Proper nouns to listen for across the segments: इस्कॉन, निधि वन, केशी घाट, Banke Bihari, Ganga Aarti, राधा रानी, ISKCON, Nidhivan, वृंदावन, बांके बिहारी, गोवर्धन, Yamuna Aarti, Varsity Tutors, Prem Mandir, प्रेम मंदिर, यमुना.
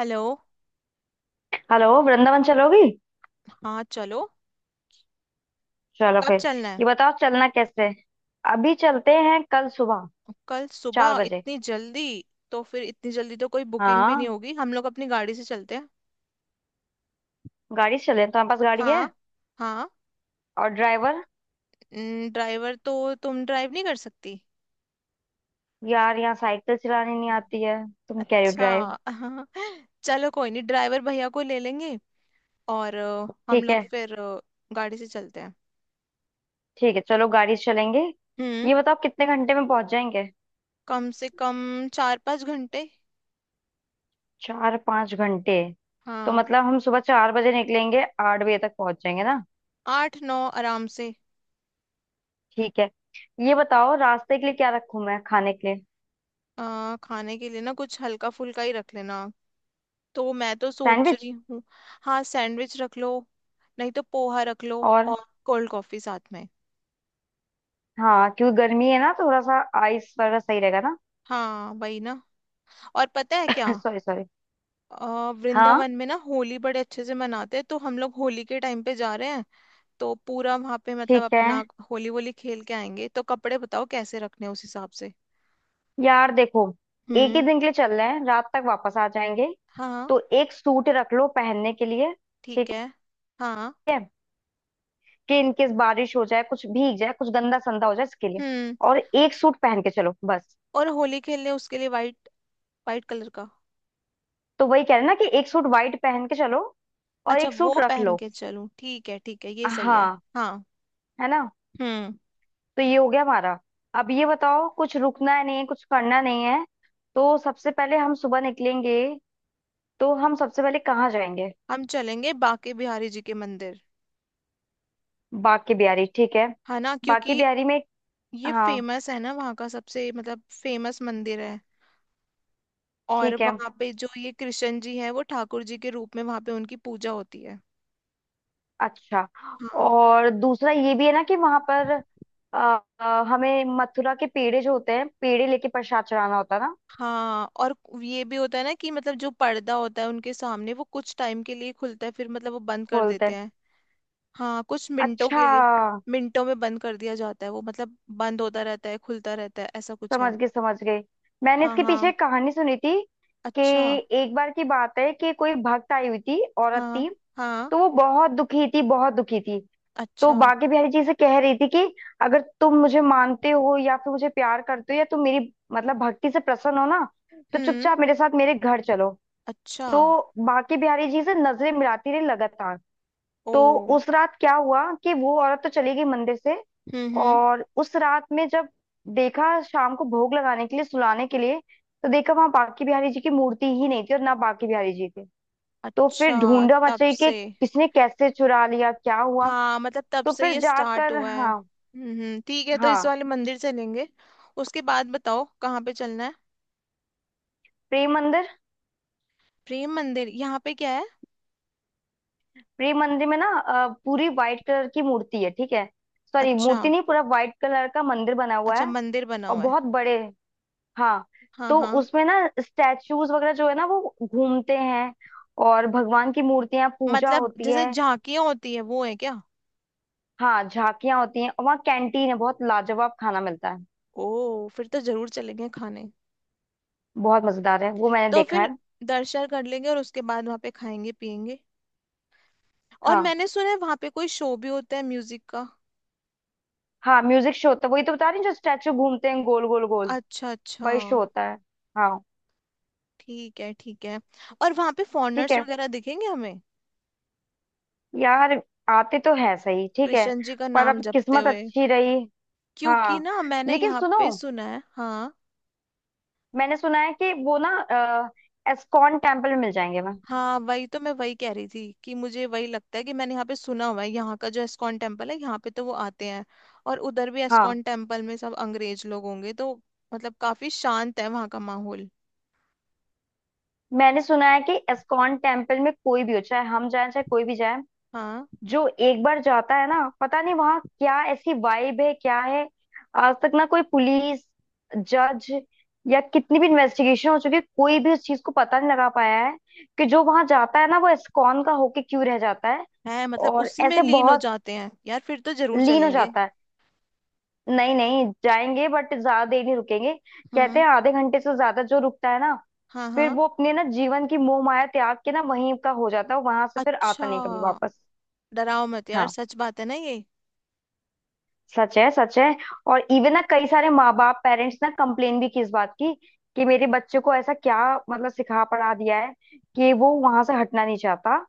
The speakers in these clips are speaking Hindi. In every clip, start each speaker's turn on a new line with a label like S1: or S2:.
S1: हेलो।
S2: हेलो वृंदावन चलोगी।
S1: हाँ चलो।
S2: चलो
S1: कब
S2: फिर।
S1: चलना है।
S2: ये बताओ चलना कैसे है? अभी चलते हैं कल सुबह।
S1: कल
S2: चार
S1: सुबह
S2: बजे
S1: इतनी जल्दी। तो फिर इतनी जल्दी तो कोई बुकिंग भी नहीं
S2: हाँ।
S1: होगी, हम लोग अपनी गाड़ी से चलते हैं।
S2: गाड़ी से चले तुम्हारे पास गाड़ी है।
S1: हाँ। हाँ।
S2: और ड्राइवर।
S1: ड्राइवर तो तुम ड्राइव नहीं कर सकती।
S2: यार यहाँ साइकिल चलानी नहीं आती है। तुम कह रहे हो
S1: अच्छा।
S2: ड्राइव।
S1: हाँ। चलो कोई नहीं, ड्राइवर भैया को ले लेंगे। और हम
S2: ठीक है।
S1: लोग फिर गाड़ी से चलते हैं।
S2: ठीक है चलो गाड़ी से चलेंगे।
S1: हम्म।
S2: ये बताओ कितने घंटे में पहुंच जाएंगे।
S1: कम से कम 4-5 घंटे।
S2: 4-5 घंटे। तो
S1: हाँ।
S2: मतलब हम सुबह 4 बजे निकलेंगे 8 बजे तक पहुंच जाएंगे ना।
S1: आठ नौ आराम से।
S2: ठीक है। ये बताओ रास्ते के लिए क्या रखूं मैं खाने के लिए।
S1: खाने के लिए ना कुछ हल्का फुल्का ही रख लेना। तो मैं तो सोच
S2: सैंडविच।
S1: रही हूँ। हाँ सैंडविच रख लो। नहीं तो पोहा रख लो
S2: और।
S1: और कोल्ड कॉफी साथ में।
S2: हाँ क्योंकि गर्मी है ना थोड़ा सा आइस वगैरह सही रहेगा ना।
S1: हाँ वही ना। और पता है क्या।
S2: Sorry sorry. हाँ।
S1: वृंदावन में ना होली बड़े अच्छे से मनाते हैं, तो हम लोग होली के टाइम पे जा रहे हैं। तो पूरा वहां पे मतलब
S2: ठीक है।
S1: अपना होली वोली खेल के आएंगे, तो कपड़े बताओ कैसे रखने हैं उस हिसाब से।
S2: यार देखो एक ही
S1: हम्म।
S2: दिन के लिए चल रहे हैं रात तक वापस आ जाएंगे।
S1: हाँ।
S2: तो एक सूट रख लो पहनने के लिए।
S1: ठीक
S2: ठीक
S1: है। हाँ।
S2: है। कि इनकेस बारिश हो जाए कुछ भीग जाए कुछ गंदा संदा हो जाए इसके लिए।
S1: हम्म।
S2: और एक सूट पहन के चलो बस।
S1: और होली खेलने उसके लिए वाइट, वाइट कलर का।
S2: तो वही कह रहे हैं ना कि एक सूट वाइट पहन के चलो। और
S1: अच्छा
S2: एक सूट
S1: वो
S2: रख
S1: पहन
S2: लो।
S1: के चलूं, ठीक है ठीक है, ये सही है
S2: हाँ
S1: हाँ।
S2: है ना।
S1: हम्म।
S2: तो ये हो गया हमारा। अब ये बताओ कुछ रुकना है नहीं है कुछ करना नहीं है। तो सबसे पहले हम सुबह निकलेंगे। तो हम सबसे पहले कहाँ जाएंगे।
S1: हम चलेंगे बांके बिहारी जी के मंदिर।
S2: बाके बिहारी ठीक है।
S1: है ना,
S2: बाके
S1: क्योंकि
S2: बिहारी में।
S1: ये
S2: हाँ।
S1: फेमस है ना, वहाँ का सबसे मतलब फेमस मंदिर है। और
S2: ठीक है।
S1: वहाँ पे जो ये कृष्ण जी है वो ठाकुर जी के रूप में वहाँ पे उनकी पूजा होती है।
S2: अच्छा।
S1: हाँ।
S2: और दूसरा ये भी है ना कि वहां पर अ, हमें मथुरा के पेड़े जो होते हैं पेड़े लेके प्रसाद चढ़ाना होता है ना।
S1: हाँ और ये भी होता है ना कि मतलब जो पर्दा होता है उनके सामने वो कुछ टाइम के लिए खुलता है, फिर मतलब वो बंद कर
S2: खोलते
S1: देते
S2: हैं।
S1: हैं। हाँ कुछ मिनटों
S2: अच्छा।
S1: के लिए। मिनटों में बंद कर दिया जाता है, वो मतलब बंद होता रहता है खुलता रहता है, ऐसा कुछ
S2: समझ
S1: है।
S2: गए समझ गए। मैंने
S1: हाँ
S2: इसके पीछे
S1: हाँ।
S2: एक कहानी सुनी थी कि
S1: अच्छा।
S2: एक बार की बात है कि कोई भक्त आई हुई थी औरत थी।
S1: हाँ हाँ।
S2: तो वो बहुत दुखी थी बहुत दुखी थी। तो
S1: अच्छा।
S2: बाकी बिहारी जी से कह रही थी कि अगर तुम मुझे मानते हो या फिर मुझे प्यार करते हो या तुम मेरी मतलब भक्ति से प्रसन्न हो ना तो
S1: हम्म।
S2: चुपचाप मेरे साथ मेरे घर चलो।
S1: अच्छा।
S2: तो बाकी बिहारी जी से नजरें मिलाती रही लगातार।
S1: ओ।
S2: तो उस रात क्या हुआ कि वो औरत तो चली गई मंदिर से।
S1: हम्म।
S2: और उस रात में जब देखा शाम को भोग लगाने के लिए सुलाने के लिए तो देखा वहां बाकी बिहारी जी की मूर्ति ही नहीं थी और ना बाकी बिहारी जी थे। तो फिर
S1: अच्छा
S2: ढूंढा
S1: तब
S2: मचाई कि
S1: से।
S2: किसने कैसे चुरा लिया क्या हुआ।
S1: हाँ मतलब तब
S2: तो
S1: से
S2: फिर
S1: ये स्टार्ट
S2: जाकर
S1: हुआ है,
S2: हाँ।
S1: ठीक है तो इस
S2: हाँ।
S1: वाले मंदिर चलेंगे। उसके बाद बताओ कहाँ पे चलना है।
S2: प्रेम मंदिर।
S1: प्रेम मंदिर यहाँ पे क्या है।
S2: प्रेम मंदिर में ना पूरी व्हाइट कलर की मूर्ति है ठीक है। सॉरी
S1: अच्छा।
S2: मूर्ति नहीं पूरा व्हाइट कलर का मंदिर बना हुआ
S1: अच्छा
S2: है।
S1: मंदिर बना
S2: और
S1: हुआ है।
S2: बहुत बड़े। हाँ।
S1: हाँ
S2: तो
S1: हाँ।
S2: उसमें ना स्टैचूज वगैरह जो है ना वो घूमते हैं। और भगवान की मूर्तियां पूजा
S1: मतलब
S2: होती
S1: जैसे
S2: है।
S1: झांकियाँ होती है वो है क्या।
S2: हाँ झांकियां होती हैं और वहाँ कैंटीन है बहुत लाजवाब खाना मिलता है।
S1: ओ फिर तो जरूर चलेंगे खाने।
S2: बहुत मजेदार है वो मैंने
S1: तो
S2: देखा
S1: फिर
S2: है।
S1: दर्शन कर लेंगे और उसके बाद वहाँ पे खाएंगे पियेंगे। और
S2: हाँ।
S1: मैंने सुना है वहाँ पे कोई शो भी होता है म्यूजिक का।
S2: हाँ म्यूजिक शो होता है वही तो बता रही हूँ, जो स्टैचू घूमते हैं गोल गोल गोल।
S1: अच्छा अच्छा।
S2: वही शो होता है। हाँ।
S1: ठीक है ठीक है। और वहां पे
S2: ठीक
S1: फॉरेनर्स
S2: है।
S1: वगैरह दिखेंगे हमें,
S2: यार आते तो है सही ठीक है।
S1: कृष्ण जी का
S2: पर
S1: नाम
S2: अब
S1: जपते
S2: किस्मत
S1: हुए,
S2: अच्छी रही।
S1: क्योंकि
S2: हाँ।
S1: ना मैंने
S2: लेकिन
S1: यहाँ
S2: सुनो
S1: पे सुना है हाँ।
S2: मैंने सुना है कि वो ना एस्कॉन टेम्पल में मिल जाएंगे मैं।
S1: हाँ वही तो मैं वही कह रही थी कि मुझे वही लगता है कि मैंने यहाँ पे सुना हुआ है, यहाँ का जो एस्कॉन टेम्पल है यहाँ पे तो वो आते हैं। और उधर भी
S2: हाँ।
S1: एस्कॉन टेम्पल में सब अंग्रेज लोग होंगे तो मतलब काफी शांत है वहाँ का माहौल।
S2: मैंने सुना है कि एस्कॉन टेम्पल में कोई भी हो चाहे हम जाए चाहे कोई भी जाए
S1: हाँ।
S2: जो एक बार जाता है ना पता नहीं वहां क्या ऐसी वाइब है क्या है। आज तक ना कोई पुलिस जज या कितनी भी इन्वेस्टिगेशन हो चुकी है कोई भी उस चीज को पता नहीं लगा पाया है कि जो वहां जाता है ना वो इस्कॉन का होके क्यों रह जाता है।
S1: है मतलब
S2: और
S1: उसी में
S2: ऐसे
S1: लीन हो
S2: बहुत।
S1: जाते हैं, यार फिर तो जरूर
S2: लीन हो
S1: चलेंगे।
S2: जाता है। नहीं नहीं जाएंगे बट ज्यादा देर नहीं रुकेंगे। कहते
S1: हम्म।
S2: हैं आधे घंटे से ज्यादा जो रुकता है ना
S1: हाँ
S2: फिर
S1: हाँ।
S2: वो अपने ना जीवन की मोह माया त्याग के ना वहीं का हो जाता है वहां से फिर आता
S1: अच्छा।
S2: नहीं कभी वापस।
S1: डराओ मत यार,
S2: हाँ।
S1: सच बात है ना ये।
S2: सच है सच है। और इवन ना कई सारे माँ बाप पेरेंट्स ना कंप्लेन भी की इस बात की कि मेरे बच्चे को ऐसा क्या मतलब सिखा पढ़ा दिया है कि वो वहां से हटना नहीं चाहता।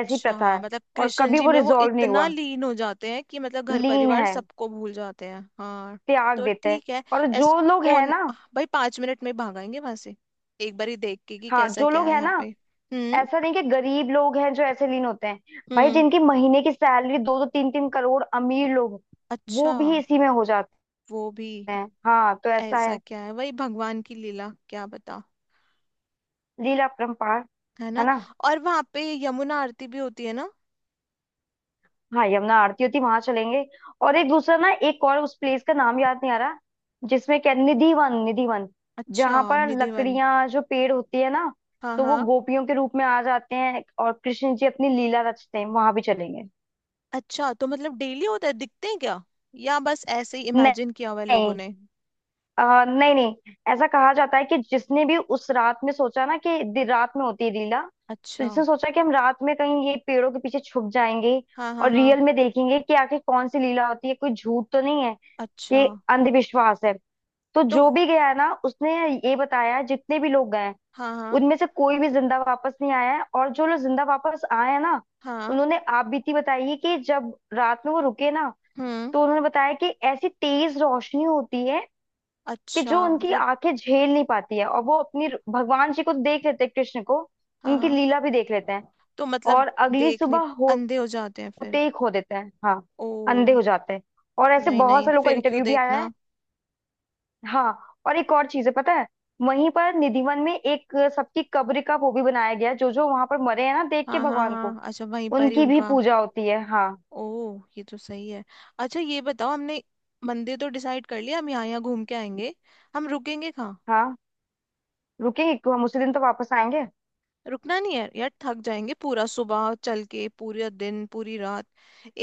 S2: ऐसी प्रथा
S1: हाँ,
S2: है
S1: मतलब
S2: और
S1: कृष्ण
S2: कभी
S1: जी
S2: वो
S1: में वो
S2: रिजॉल्व नहीं
S1: इतना
S2: हुआ।
S1: लीन हो जाते हैं कि मतलब घर
S2: लीन
S1: परिवार
S2: है।
S1: सबको भूल जाते हैं हाँ।
S2: त्याग
S1: तो
S2: देते हैं।
S1: ठीक है।
S2: और
S1: एस
S2: जो लोग है
S1: कौन।
S2: ना।
S1: भाई 5 मिनट में भागाएंगे वहां से। एक बार ही देख के कि
S2: हाँ
S1: कैसा
S2: जो
S1: क्या
S2: लोग
S1: है
S2: है
S1: यहाँ
S2: ना
S1: पे। हम्म
S2: ऐसा नहीं कि गरीब लोग हैं जो ऐसे लीन होते हैं। भाई
S1: हम्म।
S2: जिनकी महीने की सैलरी दो दो तीन तीन करोड़ अमीर लोग वो
S1: अच्छा।
S2: भी इसी में हो जाते
S1: वो भी।
S2: हैं हाँ तो ऐसा
S1: ऐसा
S2: है।
S1: क्या है वही भगवान की लीला क्या बता।
S2: लीला परंपार
S1: है ना।
S2: है।
S1: और वहां पे यमुना आरती भी होती है ना।
S2: हाँ यमुना आरती होती वहां चलेंगे। और एक दूसरा ना एक और उस प्लेस का नाम याद नहीं आ रहा जिसमें क्या निधि वन
S1: अच्छा।
S2: जहां पर
S1: निधिवन
S2: लकड़ियां जो पेड़ होती है ना
S1: हाँ
S2: तो वो
S1: हाँ।
S2: गोपियों के रूप में आ जाते हैं और कृष्ण जी अपनी लीला रचते हैं वहां भी चलेंगे।
S1: अच्छा तो मतलब डेली होता है दिखते हैं क्या, या बस ऐसे ही
S2: नहीं
S1: इमेजिन किया हुआ है लोगों
S2: नहीं।
S1: ने।
S2: नहीं नहीं ऐसा कहा जाता है कि जिसने भी उस रात में सोचा ना कि रात में होती है लीला। तो
S1: अच्छा।
S2: जिसने सोचा कि हम रात में कहीं ये पेड़ों के पीछे छुप जाएंगे
S1: हाँ हाँ
S2: और
S1: हाँ।
S2: रियल में देखेंगे कि आखिर कौन सी लीला होती है कोई झूठ तो नहीं है
S1: अच्छा।
S2: कि अंधविश्वास है। तो
S1: तो
S2: जो भी गया है ना उसने ये बताया है, जितने भी लोग गए हैं
S1: हाँ हाँ
S2: उनमें से कोई भी जिंदा वापस नहीं आया है। और जो लोग जिंदा वापस आए हैं ना
S1: हाँ।
S2: उन्होंने आपबीती बताई है कि जब रात में वो रुके ना
S1: हम्म।
S2: तो उन्होंने बताया कि ऐसी तेज रोशनी होती है कि
S1: अच्छा
S2: जो उनकी
S1: मतलब।
S2: आंखें झेल नहीं पाती है और वो अपनी भगवान जी को देख लेते हैं कृष्ण को।
S1: हाँ
S2: उनकी
S1: हाँ।
S2: लीला भी देख लेते हैं।
S1: तो मतलब
S2: और अगली
S1: देखने।
S2: सुबह
S1: अंधे हो जाते हैं फिर।
S2: होते ही खो देते हैं हाँ।
S1: ओ।
S2: अंधे हो जाते हैं। और ऐसे
S1: नहीं
S2: बहुत
S1: नहीं
S2: से लोगों का
S1: फिर क्यों
S2: इंटरव्यू भी आया है।
S1: देखना।
S2: हाँ। और एक और चीज है पता है वहीं पर निधिवन में एक सबकी कब्र का वो भी बनाया गया है, जो जो वहां पर मरे हैं ना देख के
S1: हाँ हाँ
S2: भगवान को
S1: हाँ। अच्छा वहीं पर ही
S2: उनकी भी
S1: उनका।
S2: पूजा होती है। हाँ
S1: ओ ये तो सही है। अच्छा ये बताओ हमने मंदिर तो डिसाइड कर लिया, हम यहाँ यहाँ घूम के आएंगे, हम रुकेंगे कहाँ।
S2: हाँ। रुकेंगे क्यों हम उसी दिन तो वापस आएंगे।
S1: रुकना नहीं है यार, थक जाएंगे पूरा सुबह चल के पूरा दिन पूरी रात।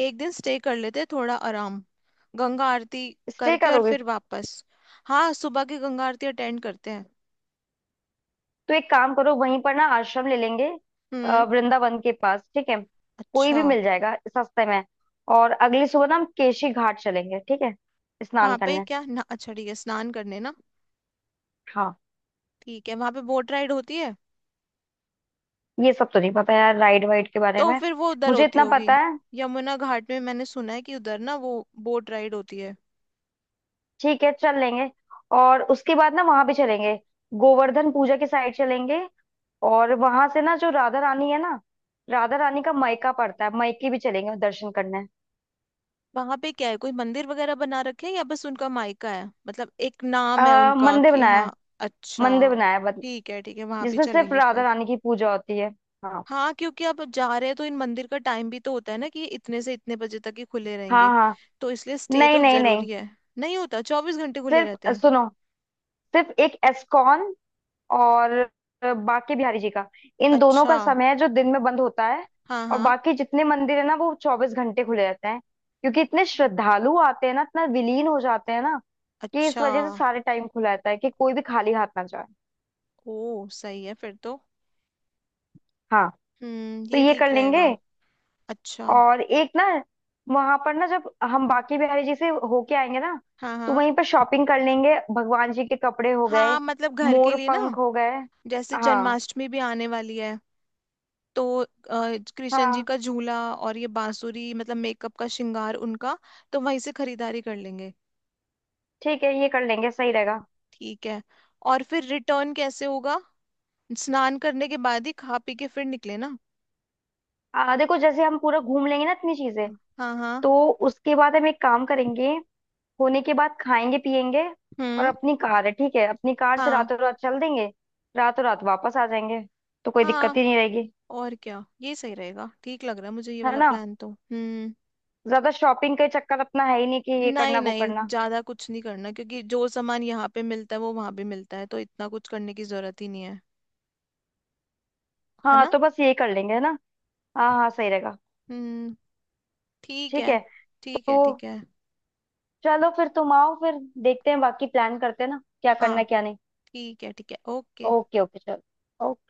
S1: एक दिन स्टे कर लेते थोड़ा आराम गंगा आरती
S2: स्टे
S1: करके और
S2: करोगे।
S1: फिर वापस। हाँ सुबह की गंगा आरती अटेंड करते हैं।
S2: तो एक काम करो वहीं पर ना आश्रम ले लेंगे
S1: हम्म।
S2: वृंदावन के पास ठीक है। कोई
S1: अच्छा।
S2: भी मिल जाएगा सस्ते में। और अगली सुबह ना हम केशी घाट चलेंगे ठीक है। स्नान
S1: वहां पे
S2: करने।
S1: क्या ना, अच्छा ठीक है स्नान करने ना।
S2: हाँ।
S1: ठीक है, वहां पे बोट राइड होती है।
S2: ये सब तो नहीं पता यार राइड वाइड के बारे
S1: तो
S2: में।
S1: फिर वो उधर
S2: मुझे
S1: होती
S2: इतना
S1: होगी।
S2: पता है।
S1: यमुना घाट में मैंने सुना है कि उधर ना वो बोट राइड होती है।
S2: ठीक है चल लेंगे। और उसके बाद ना वहां पे चलेंगे गोवर्धन पूजा के साइड चलेंगे। और वहां से ना जो राधा रानी है ना राधा रानी का मयका पड़ता है मयके भी चलेंगे दर्शन करने।
S1: वहां पे क्या है, कोई मंदिर वगैरह बना रखे हैं या बस उनका मायका है, मतलब एक नाम है उनका
S2: मंदिर
S1: कि
S2: बनाया
S1: हाँ।
S2: है।
S1: अच्छा।
S2: मंदिर बनाया है
S1: ठीक है वहां भी
S2: जिसमें सिर्फ
S1: चलेंगे
S2: राधा
S1: फिर।
S2: रानी की पूजा होती है। हाँ
S1: हाँ क्योंकि अब जा रहे हैं तो इन मंदिर का टाइम भी तो होता है ना कि इतने से इतने बजे तक ही खुले
S2: हाँ
S1: रहेंगे,
S2: हाँ।
S1: तो इसलिए स्टे
S2: नहीं
S1: तो
S2: नहीं नहीं।
S1: जरूरी है। नहीं होता, 24 घंटे खुले
S2: सिर्फ
S1: रहते हैं।
S2: सुनो सिर्फ एक एस्कॉन और बांके बिहारी जी का इन दोनों का
S1: अच्छा।
S2: समय है जो दिन में बंद होता है।
S1: हाँ
S2: और
S1: हाँ।
S2: बाकी जितने मंदिर है ना वो 24 घंटे खुले रहते हैं क्योंकि इतने श्रद्धालु आते हैं ना इतना विलीन हो जाते हैं ना कि इस
S1: अच्छा।
S2: वजह से सारे टाइम खुला रहता है कि कोई भी खाली हाथ ना जाए।
S1: ओ सही है फिर तो।
S2: हाँ। तो
S1: ये
S2: ये
S1: ठीक
S2: कर लेंगे।
S1: रहेगा। अच्छा।
S2: और एक ना वहां पर ना जब हम बांके बिहारी जी से होके आएंगे ना
S1: हाँ।
S2: तो
S1: हाँ
S2: वहीं पर शॉपिंग कर लेंगे भगवान जी के कपड़े हो गए
S1: हाँ मतलब घर के
S2: मोर
S1: लिए ना।
S2: पंख हो गए।
S1: जैसे
S2: हाँ।
S1: जन्माष्टमी भी आने वाली है, तो कृष्ण जी
S2: हाँ।
S1: का झूला और ये बांसुरी, मतलब मेकअप का श्रृंगार उनका, तो वहीं से खरीदारी कर लेंगे।
S2: ठीक है ये कर लेंगे सही रहेगा।
S1: ठीक है। और फिर रिटर्न कैसे होगा, स्नान करने के बाद ही खा पी के फिर निकले ना।
S2: देखो जैसे हम पूरा घूम लेंगे ना इतनी चीजें
S1: हाँ। हाँ।
S2: तो उसके बाद हम एक काम करेंगे होने के बाद खाएंगे पिएंगे। और
S1: हम्म।
S2: अपनी कार है ठीक है अपनी कार से
S1: हाँ।
S2: रातों रात चल देंगे रातों रात वापस आ जाएंगे। तो कोई दिक्कत
S1: हाँ
S2: ही नहीं रहेगी
S1: और क्या, ये सही रहेगा ठीक लग रहा है मुझे ये
S2: है
S1: वाला
S2: ना।
S1: प्लान तो। हम्म।
S2: ज्यादा शॉपिंग का चक्कर अपना है ही नहीं कि ये
S1: नहीं
S2: करना वो
S1: नहीं
S2: करना।
S1: ज्यादा कुछ नहीं करना, क्योंकि जो सामान यहाँ पे मिलता है वो वहां भी मिलता है, तो इतना कुछ करने की जरूरत ही नहीं है। है
S2: हाँ
S1: ना।
S2: तो बस ये कर लेंगे है ना। हाँ हाँ सही रहेगा।
S1: हम्म। ठीक
S2: ठीक
S1: है
S2: है।
S1: ठीक
S2: तो
S1: है ठीक है।
S2: चलो फिर तुम आओ फिर देखते हैं बाकी प्लान करते हैं ना क्या
S1: हाँ
S2: करना क्या नहीं।
S1: ठीक है ओके।
S2: ओके ओके चलो ओके।